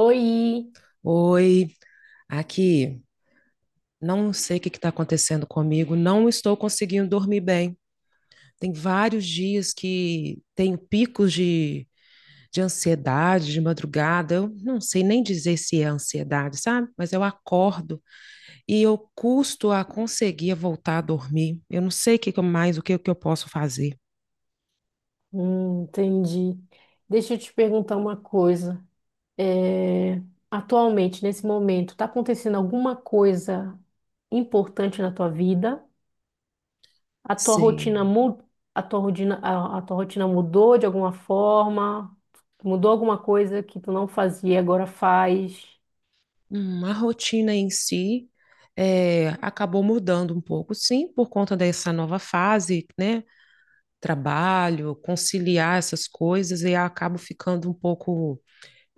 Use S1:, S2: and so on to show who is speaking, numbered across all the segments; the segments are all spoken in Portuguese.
S1: Oi.
S2: Oi, aqui. Não sei o que está acontecendo comigo, não estou conseguindo dormir bem. Tem vários dias que tenho picos de ansiedade de madrugada. Eu não sei nem dizer se é ansiedade, sabe? Mas eu acordo e eu custo a conseguir voltar a dormir. Eu não sei o que que eu mais, o que, que eu posso fazer.
S1: Entendi. Deixa eu te perguntar uma coisa. É, Atualmente, nesse momento, está acontecendo alguma coisa importante na tua vida? A tua rotina
S2: Sim.
S1: mu- a tua rotina mudou de alguma forma? Mudou alguma coisa que tu não fazia e agora faz?
S2: A rotina em si acabou mudando um pouco, sim, por conta dessa nova fase, né? Trabalho, conciliar essas coisas e acabo ficando um pouco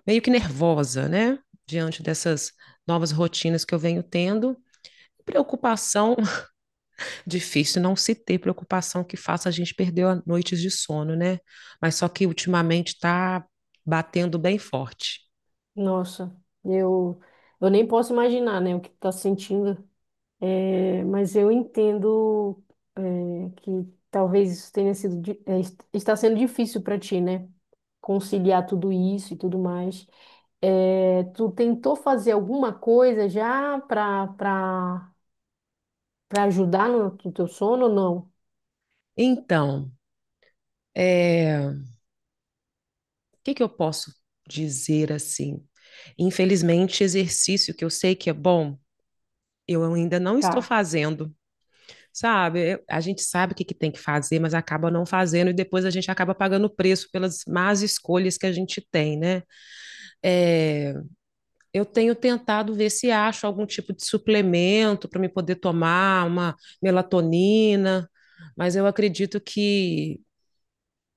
S2: meio que nervosa, né? Diante dessas novas rotinas que eu venho tendo. Preocupação, difícil não se ter preocupação que faça a gente perder noites de sono, né? Mas só que ultimamente está batendo bem forte.
S1: Nossa, eu eu nem posso imaginar, né, o que tu tá sentindo. Mas eu entendo, que talvez isso tenha sido, está sendo difícil para ti, né? Conciliar tudo isso e tudo mais. É, tu tentou fazer alguma coisa já para ajudar no teu sono ou não?
S2: Então, o que que eu posso dizer assim? Infelizmente, exercício que eu sei que é bom, eu ainda não estou
S1: Tá.
S2: fazendo. Sabe? A gente sabe o que que tem que fazer, mas acaba não fazendo e depois a gente acaba pagando o preço pelas más escolhas que a gente tem, né? É, eu tenho tentado ver se acho algum tipo de suplemento para me poder tomar uma melatonina, mas eu acredito que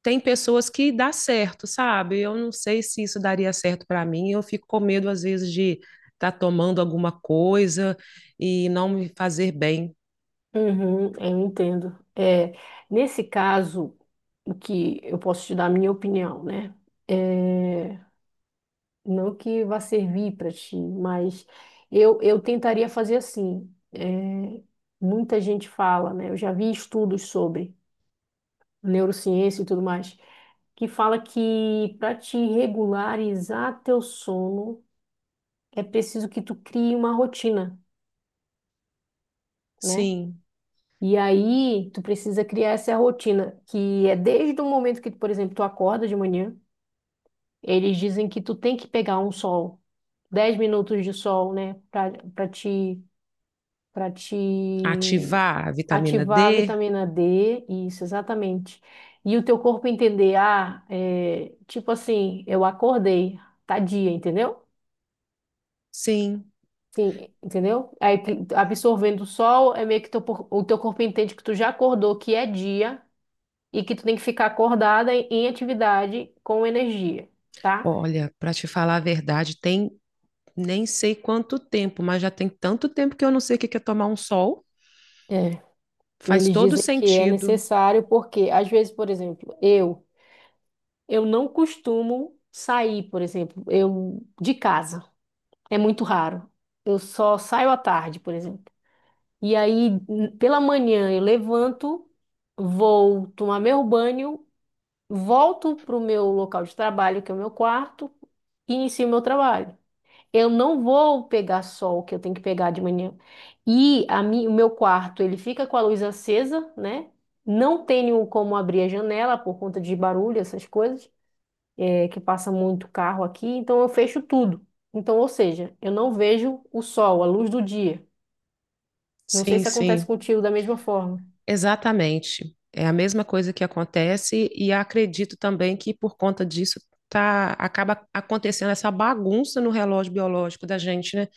S2: tem pessoas que dá certo, sabe? Eu não sei se isso daria certo para mim, eu fico com medo às vezes de estar tá tomando alguma coisa e não me fazer bem.
S1: Uhum, eu entendo. Nesse caso, o que eu posso te dar a minha opinião, né? É, Não que vá servir para ti, mas eu tentaria fazer assim. Muita gente fala, né? Eu já vi estudos sobre neurociência e tudo mais, que fala que para te regularizar teu sono é preciso que tu crie uma rotina, né?
S2: Sim.
S1: E aí tu precisa criar essa rotina, que é desde o momento que, por exemplo, tu acorda de manhã, eles dizem que tu tem que pegar um sol, 10 minutos de sol, né? Para te
S2: Ativar a vitamina
S1: ativar a
S2: D?
S1: vitamina D, isso, exatamente. E o teu corpo entender, ah, é, tipo assim, eu acordei, tá dia, entendeu?
S2: Sim.
S1: Sim, entendeu? Aí absorvendo o sol, é meio que o teu corpo entende que tu já acordou, que é dia, e que tu tem que ficar acordada em atividade com energia, tá?
S2: Olha, para te falar a verdade, tem nem sei quanto tempo, mas já tem tanto tempo que eu não sei o que que é tomar um sol.
S1: É,
S2: Faz
S1: eles
S2: todo
S1: dizem que é
S2: sentido.
S1: necessário porque, às vezes, por exemplo. Eu não costumo sair, por exemplo, eu de casa. É muito raro. Eu só saio à tarde, por exemplo. E aí, pela manhã, eu levanto, vou tomar meu banho, volto para o meu local de trabalho, que é o meu quarto, e inicio meu trabalho. Eu não vou pegar sol, que eu tenho que pegar de manhã. E o meu quarto, ele fica com a luz acesa, né? Não tenho como abrir a janela por conta de barulho, essas coisas é que passa muito carro aqui, então eu fecho tudo. Então, ou seja, eu não vejo o sol, a luz do dia. Não sei
S2: Sim,
S1: se acontece
S2: sim.
S1: contigo da mesma forma.
S2: Exatamente. É a mesma coisa que acontece, e acredito também que por conta disso tá, acaba acontecendo essa bagunça no relógio biológico da gente, né?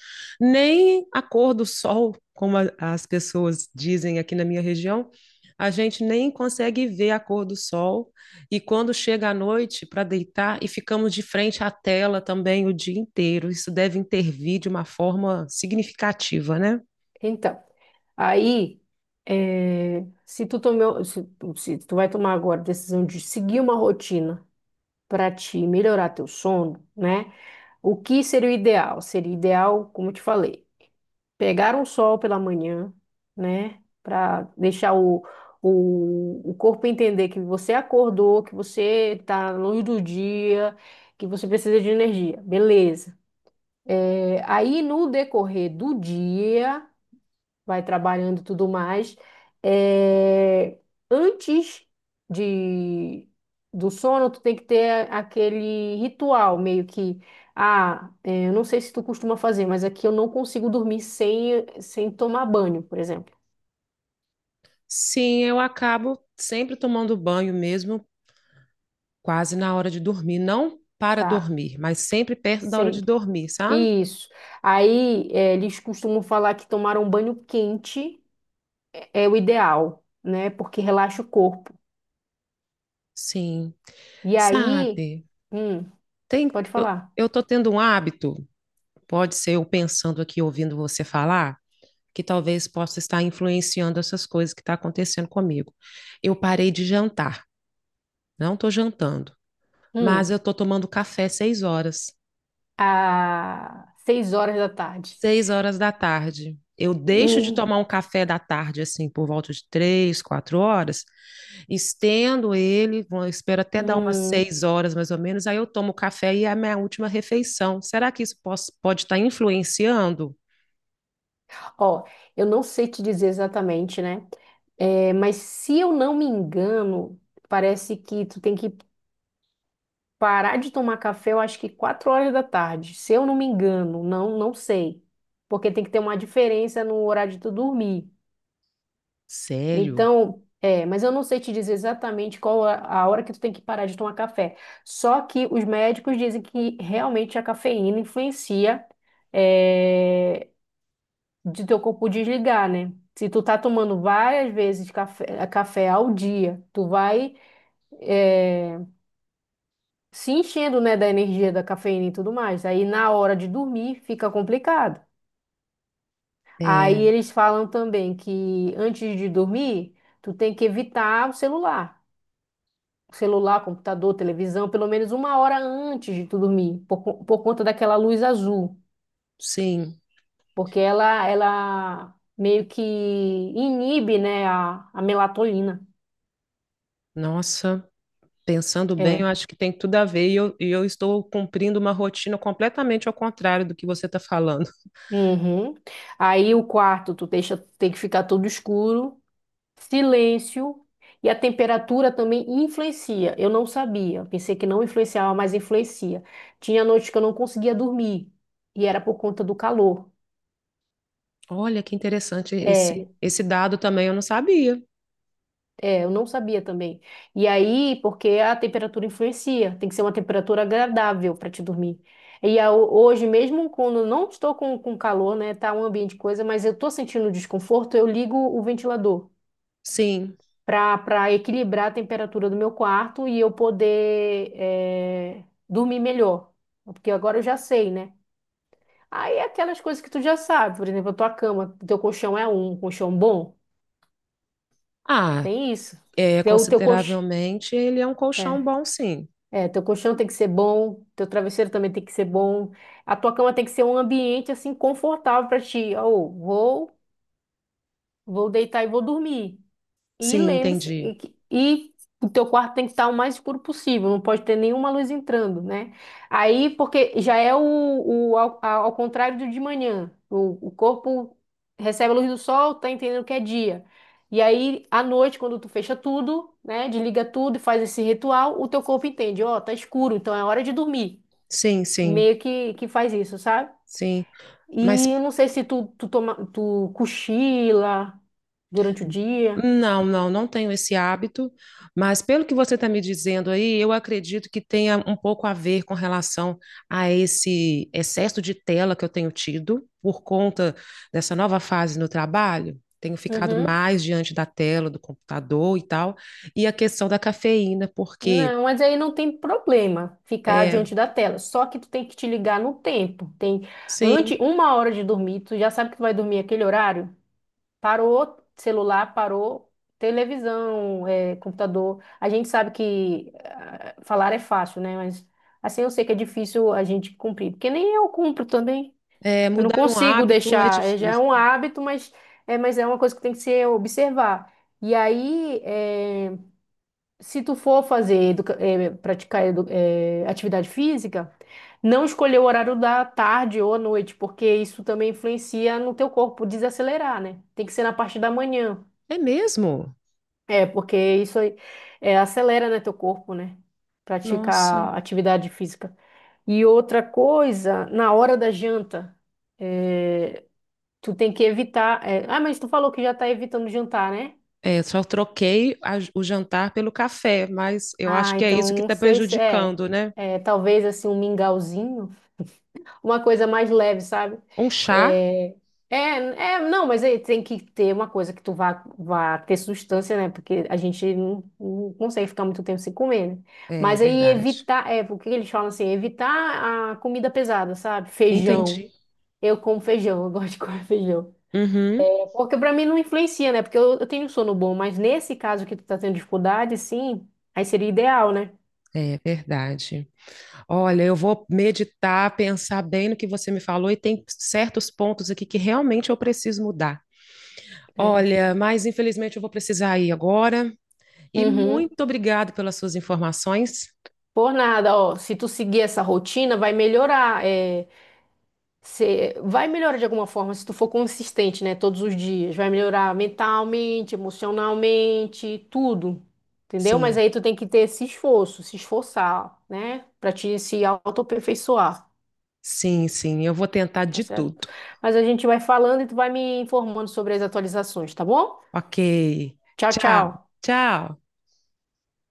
S2: Nem a cor do sol, como as pessoas dizem aqui na minha região, a gente nem consegue ver a cor do sol. E quando chega a noite para deitar, e ficamos de frente à tela também o dia inteiro, isso deve intervir de uma forma significativa, né?
S1: Então, aí, eh, se tu tomou, se, se tu vai tomar agora a decisão de seguir uma rotina para te melhorar teu sono, né? O que seria o ideal? Seria ideal, como eu te falei. Pegar um sol pela manhã, né? Para deixar o corpo entender que você acordou, que você está na luz do dia, que você precisa de energia. Beleza. É, aí, no decorrer do dia vai trabalhando e tudo mais. É, antes de, do sono, tu tem que ter aquele ritual, meio que, ah, é, eu não sei se tu costuma fazer, mas aqui eu não consigo dormir sem tomar banho, por exemplo.
S2: Sim, eu acabo sempre tomando banho mesmo, quase na hora de dormir. Não para
S1: Tá,
S2: dormir, mas sempre perto da hora de
S1: sei.
S2: dormir, sabe?
S1: Isso. Aí, é, eles costumam falar que tomar um banho quente é o ideal, né? Porque relaxa o corpo.
S2: Sim.
S1: E aí,
S2: Sabe?
S1: hum,
S2: Tem,
S1: pode
S2: eu,
S1: falar.
S2: eu tô tendo um hábito, pode ser eu pensando aqui, ouvindo você falar, que talvez possa estar influenciando essas coisas que estão acontecendo comigo. Eu parei de jantar, não estou jantando, mas eu
S1: Hum.
S2: estou tomando café 6 horas.
S1: A 6 horas da tarde.
S2: 6 horas da tarde. Eu deixo de
S1: Hum,
S2: tomar um café da tarde, assim, por volta de 3, 4 horas, estendo ele, espero até dar umas
S1: hum.
S2: 6 horas mais ou menos, aí eu tomo o café e é a minha última refeição. Será que isso pode estar influenciando?
S1: Ó, eu não sei te dizer exatamente, né? É, mas se eu não me engano, parece que tu tem que parar de tomar café, eu acho que 4 horas da tarde. Se eu não me engano, não, não sei. Porque tem que ter uma diferença no horário de tu dormir.
S2: Sério?
S1: Então, é, mas eu não sei te dizer exatamente qual a hora que tu tem que parar de tomar café. Só que os médicos dizem que realmente a cafeína influencia, é, de teu corpo desligar, né? Se tu tá tomando várias vezes café ao dia, tu vai, é, se enchendo, né, da energia da cafeína e tudo mais. Aí na hora de dormir fica complicado. Aí
S2: É,
S1: eles falam também que antes de dormir, tu tem que evitar o celular. Celular, computador, televisão, pelo menos 1 hora antes de tu dormir, por conta daquela luz azul,
S2: sim.
S1: porque ela meio que inibe, né, a melatonina.
S2: Nossa, pensando bem, eu
S1: É.
S2: acho que tem tudo a ver e eu estou cumprindo uma rotina completamente ao contrário do que você está falando.
S1: Uhum. Aí o quarto, tu deixa, tem que ficar todo escuro, silêncio, e a temperatura também influencia. Eu não sabia, pensei que não influenciava, mas influencia. Tinha noites que eu não conseguia dormir, e era por conta do calor.
S2: Olha que interessante esse,
S1: É.
S2: esse dado também, eu não sabia.
S1: Eu não sabia também. E aí, porque a temperatura influencia, tem que ser uma temperatura agradável para te dormir. E hoje, mesmo quando eu não estou com, calor, né, tá um ambiente coisa, mas eu tô sentindo desconforto, eu ligo o ventilador
S2: Sim.
S1: para equilibrar a temperatura do meu quarto e eu poder dormir melhor. Porque agora eu já sei, né? Aí é aquelas coisas que tu já sabe, por exemplo, a tua cama, teu colchão é um colchão bom,
S2: Ah,
S1: tem isso. Teu colchão.
S2: consideravelmente ele é um colchão bom, sim.
S1: É, teu colchão tem que ser bom, teu travesseiro também tem que ser bom. A tua cama tem que ser um ambiente assim confortável para ti. Ou vou, vou deitar e vou dormir. E
S2: Sim,
S1: lembre-se
S2: entendi.
S1: e o teu quarto tem que estar o mais escuro possível, não pode ter nenhuma luz entrando, né? Aí, porque já é ao contrário do de manhã. O corpo recebe a luz do sol, tá entendendo que é dia. E aí, à noite, quando tu fecha tudo, né, desliga tudo e faz esse ritual, o teu corpo entende, ó, tá escuro, então é hora de dormir.
S2: Sim,
S1: E
S2: sim,
S1: meio que faz isso, sabe?
S2: sim.
S1: E eu
S2: Mas
S1: não sei se tu cochila durante o dia.
S2: não, não, não tenho esse hábito. Mas pelo que você está me dizendo aí, eu acredito que tenha um pouco a ver com relação a esse excesso de tela que eu tenho tido por conta dessa nova fase no trabalho. Tenho ficado
S1: Uhum.
S2: mais diante da tela, do computador e tal. E a questão da cafeína, porque.
S1: Não, mas aí não tem problema ficar
S2: É,
S1: diante da tela. Só que tu tem que te ligar no tempo. Tem antes
S2: sim.
S1: uma hora de dormir, tu já sabe que tu vai dormir aquele horário. Parou celular, parou televisão, eh, computador. A gente sabe que ah, falar é fácil, né? Mas assim eu sei que é difícil a gente cumprir, porque nem eu cumpro também.
S2: É,
S1: Eu não
S2: mudar um
S1: consigo
S2: hábito é
S1: deixar. Já é
S2: difícil.
S1: um hábito, mas mas é uma coisa que tem que ser observar. E aí, se tu for fazer, praticar atividade física, não escolher o horário da tarde ou à noite, porque isso também influencia no teu corpo desacelerar, né? Tem que ser na parte da manhã.
S2: É mesmo?
S1: É, porque isso aí, acelera, né, teu corpo, né? Praticar
S2: Nossa.
S1: atividade física. E outra coisa, na hora da janta, eh, tu tem que evitar. Ah, mas tu falou que já tá evitando jantar, né?
S2: É, só troquei o jantar pelo café, mas eu acho
S1: Ah,
S2: que é
S1: então
S2: isso que
S1: não
S2: está
S1: sei se é,
S2: prejudicando, né?
S1: é talvez assim um mingauzinho. Uma coisa mais leve, sabe?
S2: Um chá?
S1: É, é, não, mas aí tem que ter uma coisa que tu vá ter substância, né? Porque a gente não consegue ficar muito tempo sem comer, né?
S2: É
S1: Mas aí
S2: verdade.
S1: evitar, é, porque eles falam assim, evitar a comida pesada, sabe? Feijão.
S2: Entendi.
S1: Eu como feijão, eu gosto de comer feijão.
S2: Uhum.
S1: Porque pra mim não influencia, né? Porque eu tenho um sono bom, mas nesse caso que tu tá tendo dificuldade, sim, aí seria ideal, né?
S2: É verdade. Olha, eu vou meditar, pensar bem no que você me falou e tem certos pontos aqui que realmente eu preciso mudar.
S1: É.
S2: Olha, mas infelizmente eu vou precisar ir agora. E
S1: Uhum.
S2: muito obrigado pelas suas informações.
S1: Por nada, ó. Se tu seguir essa rotina, vai melhorar. Você vai melhorar de alguma forma se tu for consistente, né? Todos os dias. Vai melhorar mentalmente, emocionalmente, tudo. Entendeu? Mas
S2: Sim.
S1: aí tu tem que ter esse esforço, se esforçar, né? Pra te se autoaperfeiçoar,
S2: Sim, sim, eu vou tentar
S1: tá
S2: de
S1: certo?
S2: tudo.
S1: Mas a gente vai falando e tu vai me informando sobre as atualizações, tá bom?
S2: Ok.
S1: Tchau,
S2: Tchau,
S1: tchau.
S2: tchau.